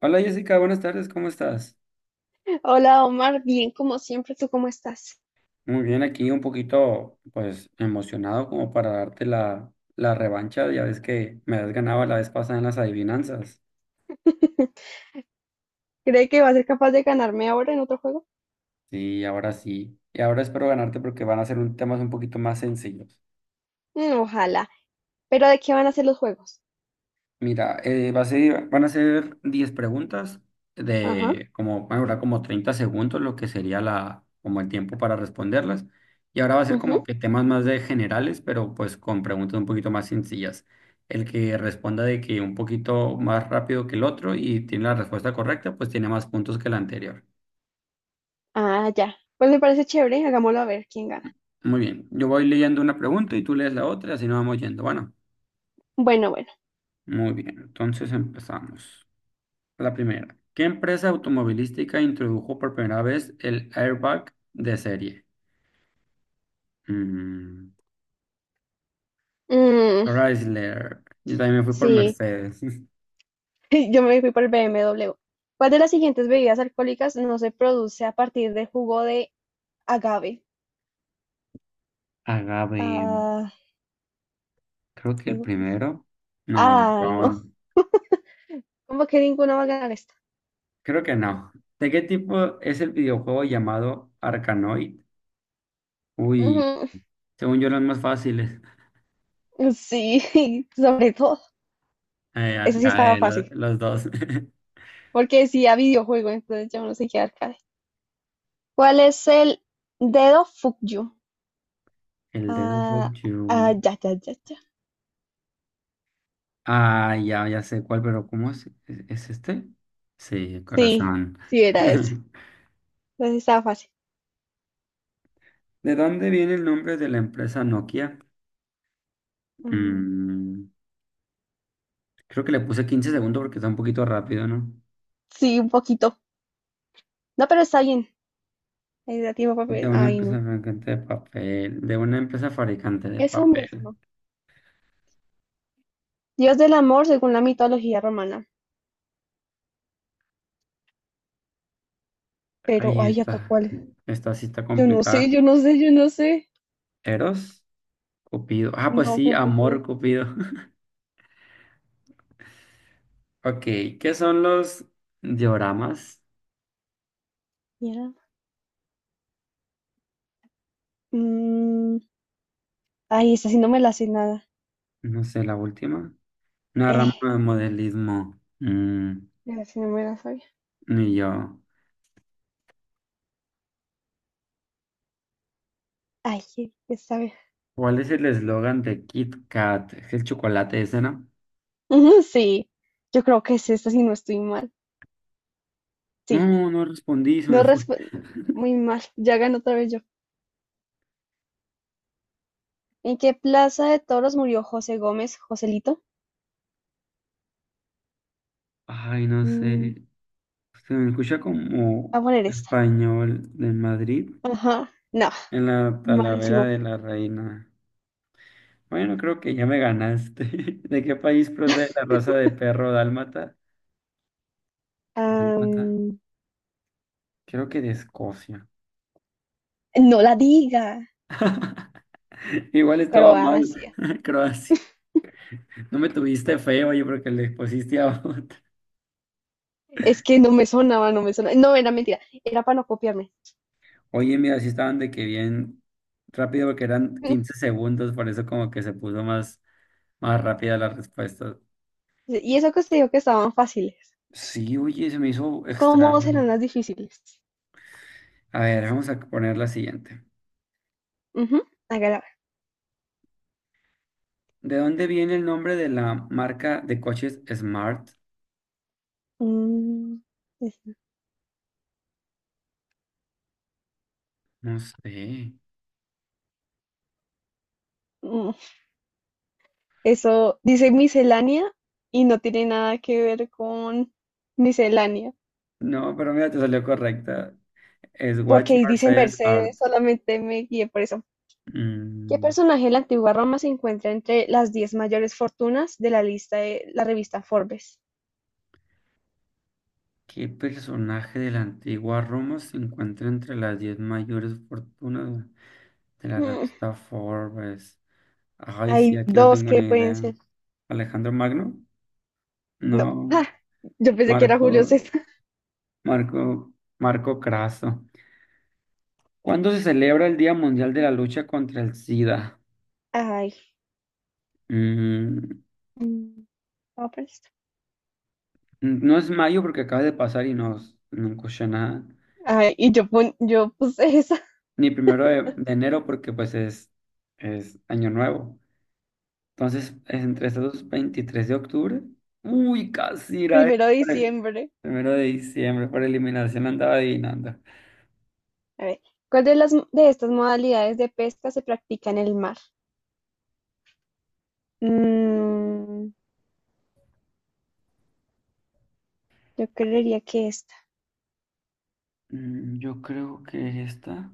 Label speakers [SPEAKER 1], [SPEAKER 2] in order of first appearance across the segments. [SPEAKER 1] Hola Jessica, buenas tardes, ¿cómo estás?
[SPEAKER 2] Hola Omar, bien como siempre, ¿tú cómo estás?
[SPEAKER 1] Muy bien, aquí un poquito pues emocionado como para darte la revancha, ya ves que me has ganado la vez pasada en las adivinanzas.
[SPEAKER 2] ¿Cree que va a ser capaz de ganarme ahora en otro juego?
[SPEAKER 1] Sí, ahora sí. Y ahora espero ganarte porque van a ser temas un poquito más sencillos.
[SPEAKER 2] Ojalá. ¿Pero de qué van a ser los juegos?
[SPEAKER 1] Mira, van a ser 10 preguntas
[SPEAKER 2] Ajá.
[SPEAKER 1] de como, van a durar como 30 segundos, lo que sería como el tiempo para responderlas. Y ahora va a ser como
[SPEAKER 2] Ujú.
[SPEAKER 1] que temas más de generales, pero pues con preguntas un poquito más sencillas. El que responda de que un poquito más rápido que el otro y tiene la respuesta correcta, pues tiene más puntos que la anterior.
[SPEAKER 2] Ah, ya. Pues me parece chévere, hagámoslo a ver quién gana.
[SPEAKER 1] Muy bien, yo voy leyendo una pregunta y tú lees la otra, así nos vamos yendo. Bueno,
[SPEAKER 2] Bueno, bueno.
[SPEAKER 1] muy bien, entonces empezamos. La primera, ¿qué empresa automovilística introdujo por primera vez el airbag de serie? Mm,
[SPEAKER 2] Mm,
[SPEAKER 1] Chrysler. Yo también me fui por
[SPEAKER 2] sí,
[SPEAKER 1] Mercedes.
[SPEAKER 2] yo me fui por el BMW. ¿Cuál de las siguientes bebidas alcohólicas no se produce a partir de jugo de agave?
[SPEAKER 1] Agave,
[SPEAKER 2] Ah,
[SPEAKER 1] creo que el
[SPEAKER 2] ¿eso qué es?
[SPEAKER 1] primero. No, el
[SPEAKER 2] Ay, no.
[SPEAKER 1] Ron.
[SPEAKER 2] ¿Como que ninguno va a ganar esta?
[SPEAKER 1] Creo que no. ¿De qué tipo es el videojuego llamado Arkanoid? Uy,
[SPEAKER 2] Ujú.
[SPEAKER 1] según yo los más fáciles.
[SPEAKER 2] Sí, sobre todo. Eso sí estaba
[SPEAKER 1] Arcae,
[SPEAKER 2] fácil,
[SPEAKER 1] los dos.
[SPEAKER 2] porque decía videojuego, entonces yo no sé qué arcade. ¿Cuál es el dedo Fukyu?
[SPEAKER 1] El Dead
[SPEAKER 2] Ah,
[SPEAKER 1] of
[SPEAKER 2] ah,
[SPEAKER 1] You.
[SPEAKER 2] ya, ya, ya, ya.
[SPEAKER 1] Ah, ya, ya sé cuál, pero ¿cómo es? ¿Es este? Sí,
[SPEAKER 2] Sí,
[SPEAKER 1] corazón.
[SPEAKER 2] sí era ese. Entonces estaba fácil.
[SPEAKER 1] ¿De dónde viene el nombre de la empresa Nokia?
[SPEAKER 2] Mm,
[SPEAKER 1] Mm, creo que le puse 15 segundos porque está un poquito rápido, ¿no?
[SPEAKER 2] Sí, un poquito. No, pero está bien. Ahí da tiempo para
[SPEAKER 1] De una
[SPEAKER 2] ay, no.
[SPEAKER 1] empresa fabricante de papel, de una empresa fabricante de
[SPEAKER 2] Eso
[SPEAKER 1] papel.
[SPEAKER 2] mismo. Dios del amor según la mitología romana. Pero,
[SPEAKER 1] Ahí
[SPEAKER 2] ay, ¿acá
[SPEAKER 1] está,
[SPEAKER 2] cuál es?
[SPEAKER 1] esta sí está
[SPEAKER 2] Yo no sé, yo
[SPEAKER 1] complicada.
[SPEAKER 2] no sé, yo no sé.
[SPEAKER 1] Eros, Cupido. Ah, pues
[SPEAKER 2] No,
[SPEAKER 1] sí,
[SPEAKER 2] Cupido.
[SPEAKER 1] amor, Cupido. Ok, ¿qué son los dioramas?
[SPEAKER 2] Mierda. Mm, ay, esa sí no me la sé nada.
[SPEAKER 1] No sé, la última. Una rama
[SPEAKER 2] Eh,
[SPEAKER 1] de modelismo.
[SPEAKER 2] Esa sí no me la sabía.
[SPEAKER 1] Ni yo.
[SPEAKER 2] Ay, qué sabe.
[SPEAKER 1] ¿Cuál es el eslogan de Kit Kat? ¿Es el chocolate ese, no?
[SPEAKER 2] Ujú, sí, yo creo que es esta, si no estoy mal. Sí,
[SPEAKER 1] No, no respondí, se
[SPEAKER 2] no
[SPEAKER 1] me fue.
[SPEAKER 2] respondo. Muy mal, ya ganó otra vez yo. ¿En qué plaza de toros murió José Gómez, Joselito?
[SPEAKER 1] Ay, no
[SPEAKER 2] Mm,
[SPEAKER 1] sé. Se me escucha como
[SPEAKER 2] voy a poner esta.
[SPEAKER 1] español de Madrid
[SPEAKER 2] Ajá, no,
[SPEAKER 1] en la Talavera
[SPEAKER 2] malísimo.
[SPEAKER 1] de la Reina. Bueno, creo que ya me ganaste. ¿De qué país procede la raza de perro dálmata? ¿Dálmata?
[SPEAKER 2] Am,
[SPEAKER 1] Creo que de Escocia.
[SPEAKER 2] no la diga.
[SPEAKER 1] Igual estaba mal,
[SPEAKER 2] Croacia.
[SPEAKER 1] Croacia. No me tuviste feo, yo creo que le pusiste a otro.
[SPEAKER 2] Es que no me sonaba, no me sonaba. No, era mentira, era para no copiarme.
[SPEAKER 1] Oye, mira, sí estaban de que bien rápido porque eran 15 segundos, por eso como que se puso más rápida la respuesta.
[SPEAKER 2] Y eso que usted dijo que estaban fáciles.
[SPEAKER 1] Sí, oye, se me hizo
[SPEAKER 2] ¿Cómo
[SPEAKER 1] extraño.
[SPEAKER 2] serán las difíciles?
[SPEAKER 1] A ver, vamos a poner la siguiente.
[SPEAKER 2] Ujú, hágala.
[SPEAKER 1] ¿De dónde viene el nombre de la marca de coches Smart?
[SPEAKER 2] Mm, esta.
[SPEAKER 1] No sé.
[SPEAKER 2] Eso dice miscelánea y no tiene nada que ver con miscelánea,
[SPEAKER 1] No, pero mira, te salió correcta. Es Watch
[SPEAKER 2] porque ahí dice
[SPEAKER 1] Mercedes Art.
[SPEAKER 2] Mercedes, solamente me guié por eso. ¿Qué
[SPEAKER 1] Mm,
[SPEAKER 2] personaje de la antigua Roma se encuentra entre las 10 mayores fortunas de la lista de la revista Forbes?
[SPEAKER 1] ¿Qué personaje de la antigua Roma se encuentra entre las 10 mayores fortunas de la
[SPEAKER 2] Mm,
[SPEAKER 1] revista Forbes? Ay, sí,
[SPEAKER 2] hay
[SPEAKER 1] aquí no
[SPEAKER 2] dos
[SPEAKER 1] tengo
[SPEAKER 2] que
[SPEAKER 1] ni
[SPEAKER 2] pueden
[SPEAKER 1] idea.
[SPEAKER 2] ser.
[SPEAKER 1] Alejandro Magno,
[SPEAKER 2] No,
[SPEAKER 1] no,
[SPEAKER 2] ah, yo pensé que era Julio
[SPEAKER 1] Marco,
[SPEAKER 2] César.
[SPEAKER 1] Marco, Marco Craso. ¿Cuándo se celebra el Día Mundial de la Lucha contra el SIDA?
[SPEAKER 2] Ay,
[SPEAKER 1] Mm,
[SPEAKER 2] mm, vamos por esto.
[SPEAKER 1] no es mayo porque acaba de pasar y no escuché nada.
[SPEAKER 2] Ay, y yo, yo puse esa.
[SPEAKER 1] Ni primero de enero porque pues es año nuevo. Entonces, es entre estos dos, 23 de octubre. Uy, casi era el
[SPEAKER 2] Primero de diciembre.
[SPEAKER 1] primero de diciembre, por eliminación andaba adivinando.
[SPEAKER 2] A ver, ¿cuál de las de estas modalidades de pesca se practica en el mar? Mm, yo creería que esta.
[SPEAKER 1] Yo creo que esta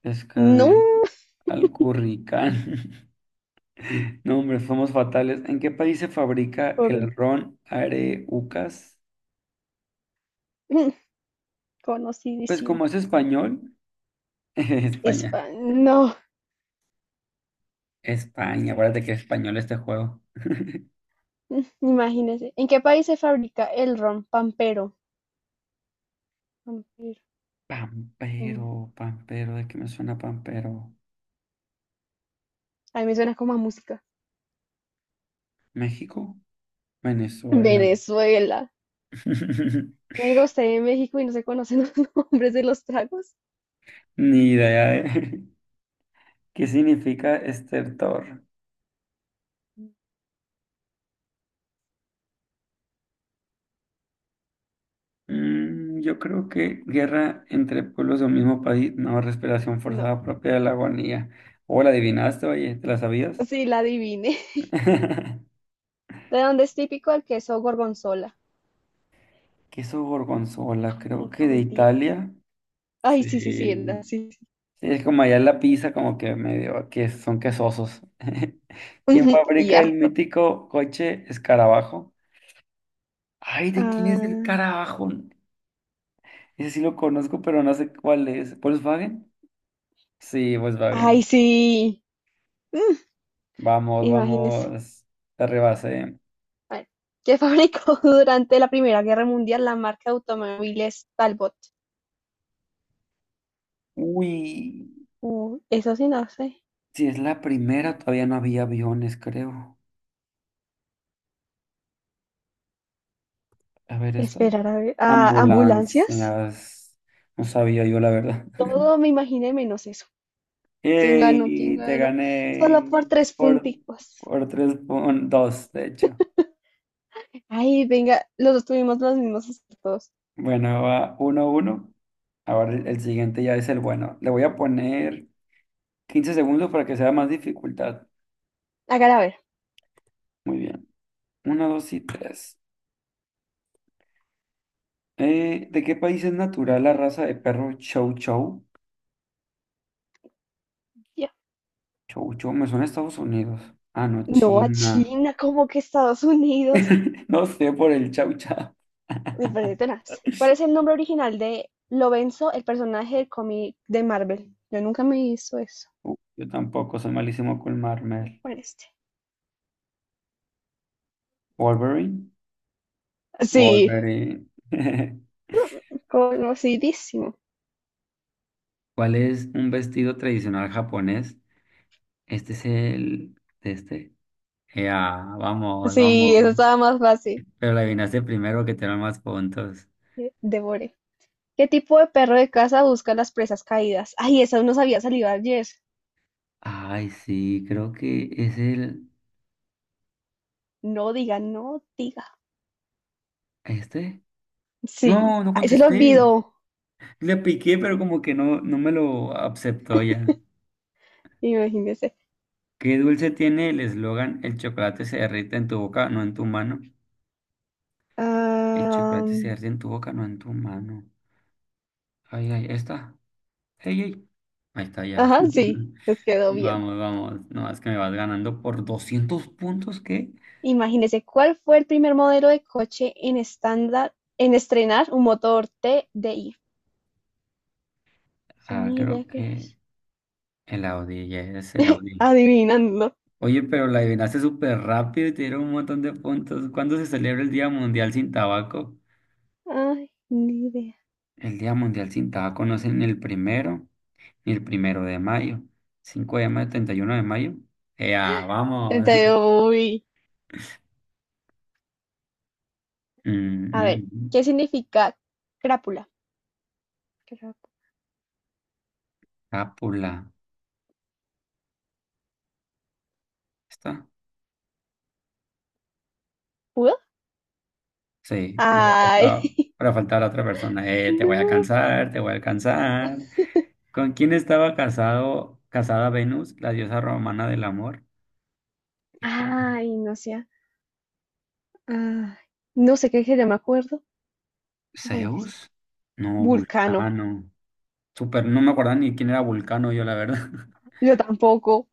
[SPEAKER 1] pesca
[SPEAKER 2] No,
[SPEAKER 1] de curricán. No, hombre, somos fatales. ¿En qué país se fabrica
[SPEAKER 2] por
[SPEAKER 1] el ron Areucas? Pues
[SPEAKER 2] conocidísimo.
[SPEAKER 1] como es español, España.
[SPEAKER 2] No,
[SPEAKER 1] España, acuérdate que es español este juego.
[SPEAKER 2] mm, imagínese. ¿En qué país se fabrica el ron pampero? Pampero, mm,
[SPEAKER 1] Pampero, Pampero, ¿de qué me suena Pampero?
[SPEAKER 2] a mí me suena como a música.
[SPEAKER 1] ¿México? Venezuela.
[SPEAKER 2] Venezuela. Me diga usted en México y no se conocen los nombres de los tragos.
[SPEAKER 1] Ni idea, ¿eh? ¿Qué significa estertor? Yo creo que guerra entre pueblos de un mismo país, no, respiración
[SPEAKER 2] No,
[SPEAKER 1] forzada propia de la agonía. O la adivinaste, oye, ¿te la sabías?
[SPEAKER 2] sí la adiviné. ¿De dónde es típico el queso gorgonzola?
[SPEAKER 1] Queso gorgonzola,
[SPEAKER 2] Ay,
[SPEAKER 1] creo que
[SPEAKER 2] no
[SPEAKER 1] de
[SPEAKER 2] mentiras.
[SPEAKER 1] Italia.
[SPEAKER 2] Ay, sí, sí, sí, era,
[SPEAKER 1] Sí.
[SPEAKER 2] sí, sí.
[SPEAKER 1] Sí, es como allá en la pizza, como que medio que son quesosos. ¿Quién
[SPEAKER 2] Y
[SPEAKER 1] fabrica el
[SPEAKER 2] harto.
[SPEAKER 1] mítico coche escarabajo? Ay, ¿de quién es el
[SPEAKER 2] Ah,
[SPEAKER 1] carabajo? Ese sí lo conozco, pero no sé cuál es. ¿Volkswagen? Sí,
[SPEAKER 2] ay,
[SPEAKER 1] Volkswagen.
[SPEAKER 2] sí. Mm,
[SPEAKER 1] Vamos,
[SPEAKER 2] imagínese.
[SPEAKER 1] vamos, te rebasé.
[SPEAKER 2] Bueno, que fabricó durante la Primera Guerra Mundial la marca de automóviles Talbot.
[SPEAKER 1] Uy,
[SPEAKER 2] Eso sí, no sé.
[SPEAKER 1] si es la primera, todavía no había aviones, creo. A ver, esta.
[SPEAKER 2] Esperar a, a ambulancias.
[SPEAKER 1] Ambulancias. No sabía yo, la verdad.
[SPEAKER 2] Todo me imaginé menos eso. ¿Quién ganó? ¿Quién
[SPEAKER 1] ¡Ey! Te
[SPEAKER 2] ganó? Solo por
[SPEAKER 1] gané
[SPEAKER 2] tres punticos.
[SPEAKER 1] por tres puntos, de hecho.
[SPEAKER 2] Ay, venga, los dos tuvimos los mismos acertos.
[SPEAKER 1] Bueno, va 1-1. Ahora el siguiente ya es el bueno. Le voy a poner 15 segundos para que sea más dificultad.
[SPEAKER 2] Hágala ver.
[SPEAKER 1] Muy bien. Uno, dos y tres. ¿De qué país es natural la raza de perro Chow Chow?
[SPEAKER 2] Ya.
[SPEAKER 1] Chow Chow, me suena a Estados Unidos. Ah, no,
[SPEAKER 2] No, a
[SPEAKER 1] China.
[SPEAKER 2] China, como que Estados Unidos.
[SPEAKER 1] No sé por el Chow Chow.
[SPEAKER 2] Me perdí tenaz. ¿Cuál es el nombre original de Lorenzo, el personaje del cómic de Marvel? Yo nunca me hizo eso.
[SPEAKER 1] Yo tampoco, soy malísimo con Marmel.
[SPEAKER 2] Con este.
[SPEAKER 1] Wolverine.
[SPEAKER 2] Sí,
[SPEAKER 1] Wolverine.
[SPEAKER 2] conocidísimo.
[SPEAKER 1] ¿Cuál es un vestido tradicional japonés? Este es el de este. Ya, vamos,
[SPEAKER 2] Sí, eso
[SPEAKER 1] vamos.
[SPEAKER 2] estaba más fácil.
[SPEAKER 1] Pero la adivinaste primero que te dan más puntos.
[SPEAKER 2] Eh, Devore. ¿Qué tipo de perro de casa busca las presas caídas? Ay, esa nos había salido ayer.
[SPEAKER 1] Ay, sí, creo que es el.
[SPEAKER 2] No diga, no diga.
[SPEAKER 1] ¿Este?
[SPEAKER 2] Sí.
[SPEAKER 1] No, no
[SPEAKER 2] Ay, se lo
[SPEAKER 1] contesté.
[SPEAKER 2] olvidó.
[SPEAKER 1] Le piqué, pero como que no me lo aceptó ya.
[SPEAKER 2] Imagínese.
[SPEAKER 1] ¿Qué dulce tiene el eslogan? El chocolate se derrite en tu boca, no en tu mano. El
[SPEAKER 2] Ah,
[SPEAKER 1] chocolate se derrite en tu boca, no en tu mano. Ay, ay, ahí está. Ey, ey. Ahí está ya.
[SPEAKER 2] ajá, sí, les quedó bien.
[SPEAKER 1] Vamos, vamos. No, es que me vas ganando por 200 puntos, ¿qué?
[SPEAKER 2] Imagínese cuál fue el primer modelo de coche en estándar en estrenar un motor t TDI.
[SPEAKER 1] Ah, creo
[SPEAKER 2] Sonido que
[SPEAKER 1] que
[SPEAKER 2] es.
[SPEAKER 1] el Audi, ya es el Audi.
[SPEAKER 2] Adivinando.
[SPEAKER 1] Oye, pero la adivinaste súper rápido y te dieron un montón de puntos. ¿Cuándo se celebra el Día Mundial sin Tabaco?
[SPEAKER 2] Ay, ni idea.
[SPEAKER 1] El Día Mundial sin Tabaco no es en el primero, ni el primero de mayo. 5 de mayo, 31 de mayo. ¡Ea, vamos!
[SPEAKER 2] Entonces, uy,
[SPEAKER 1] Mm,
[SPEAKER 2] a ver,
[SPEAKER 1] mm,
[SPEAKER 2] ¿qué significa crápula? ¿Crápula?
[SPEAKER 1] Cápula. ¿Está? Sí. no faltaba-
[SPEAKER 2] Ay,
[SPEAKER 1] Para faltar la otra persona. Te voy a
[SPEAKER 2] no.
[SPEAKER 1] cansar, te voy a alcanzar. ¿Con quién estaba casado, casada Venus, la diosa romana del amor? Híjole.
[SPEAKER 2] Ay, no sé. Ay, no sé qué sería, me acuerdo. Voy a poner esta.
[SPEAKER 1] ¿Zeus? No,
[SPEAKER 2] Vulcano.
[SPEAKER 1] Vulcano. Super, no me acuerdo ni quién era Vulcano yo, la verdad.
[SPEAKER 2] Yo tampoco.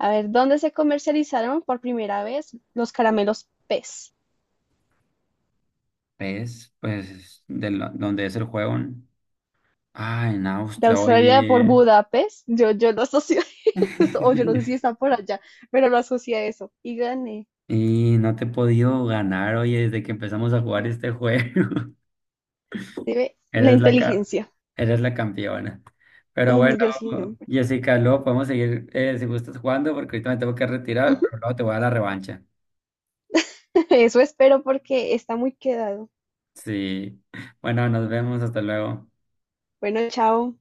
[SPEAKER 2] A ver, ¿dónde se comercializaron por primera vez los caramelos pez?
[SPEAKER 1] ¿Ves? Pues donde es el juego, ¿no? Ah, en
[SPEAKER 2] De
[SPEAKER 1] Austria,
[SPEAKER 2] Australia por
[SPEAKER 1] oye.
[SPEAKER 2] Budapest. Yo lo asocio a eso, o yo no sé si está por allá, pero lo asocio a eso. Y gané.
[SPEAKER 1] Y no te he podido ganar, oye, desde que empezamos a jugar este juego.
[SPEAKER 2] Se ve la
[SPEAKER 1] Eres la ca-
[SPEAKER 2] inteligencia.
[SPEAKER 1] eres la campeona. Pero
[SPEAKER 2] Ujú,
[SPEAKER 1] bueno,
[SPEAKER 2] yo siempre.
[SPEAKER 1] Jessica, luego podemos seguir si gustas jugando, porque ahorita me tengo que retirar, pero luego te voy a dar la revancha.
[SPEAKER 2] Eso espero porque está muy quedado.
[SPEAKER 1] Sí. Bueno, nos vemos, hasta luego.
[SPEAKER 2] Bueno, chao.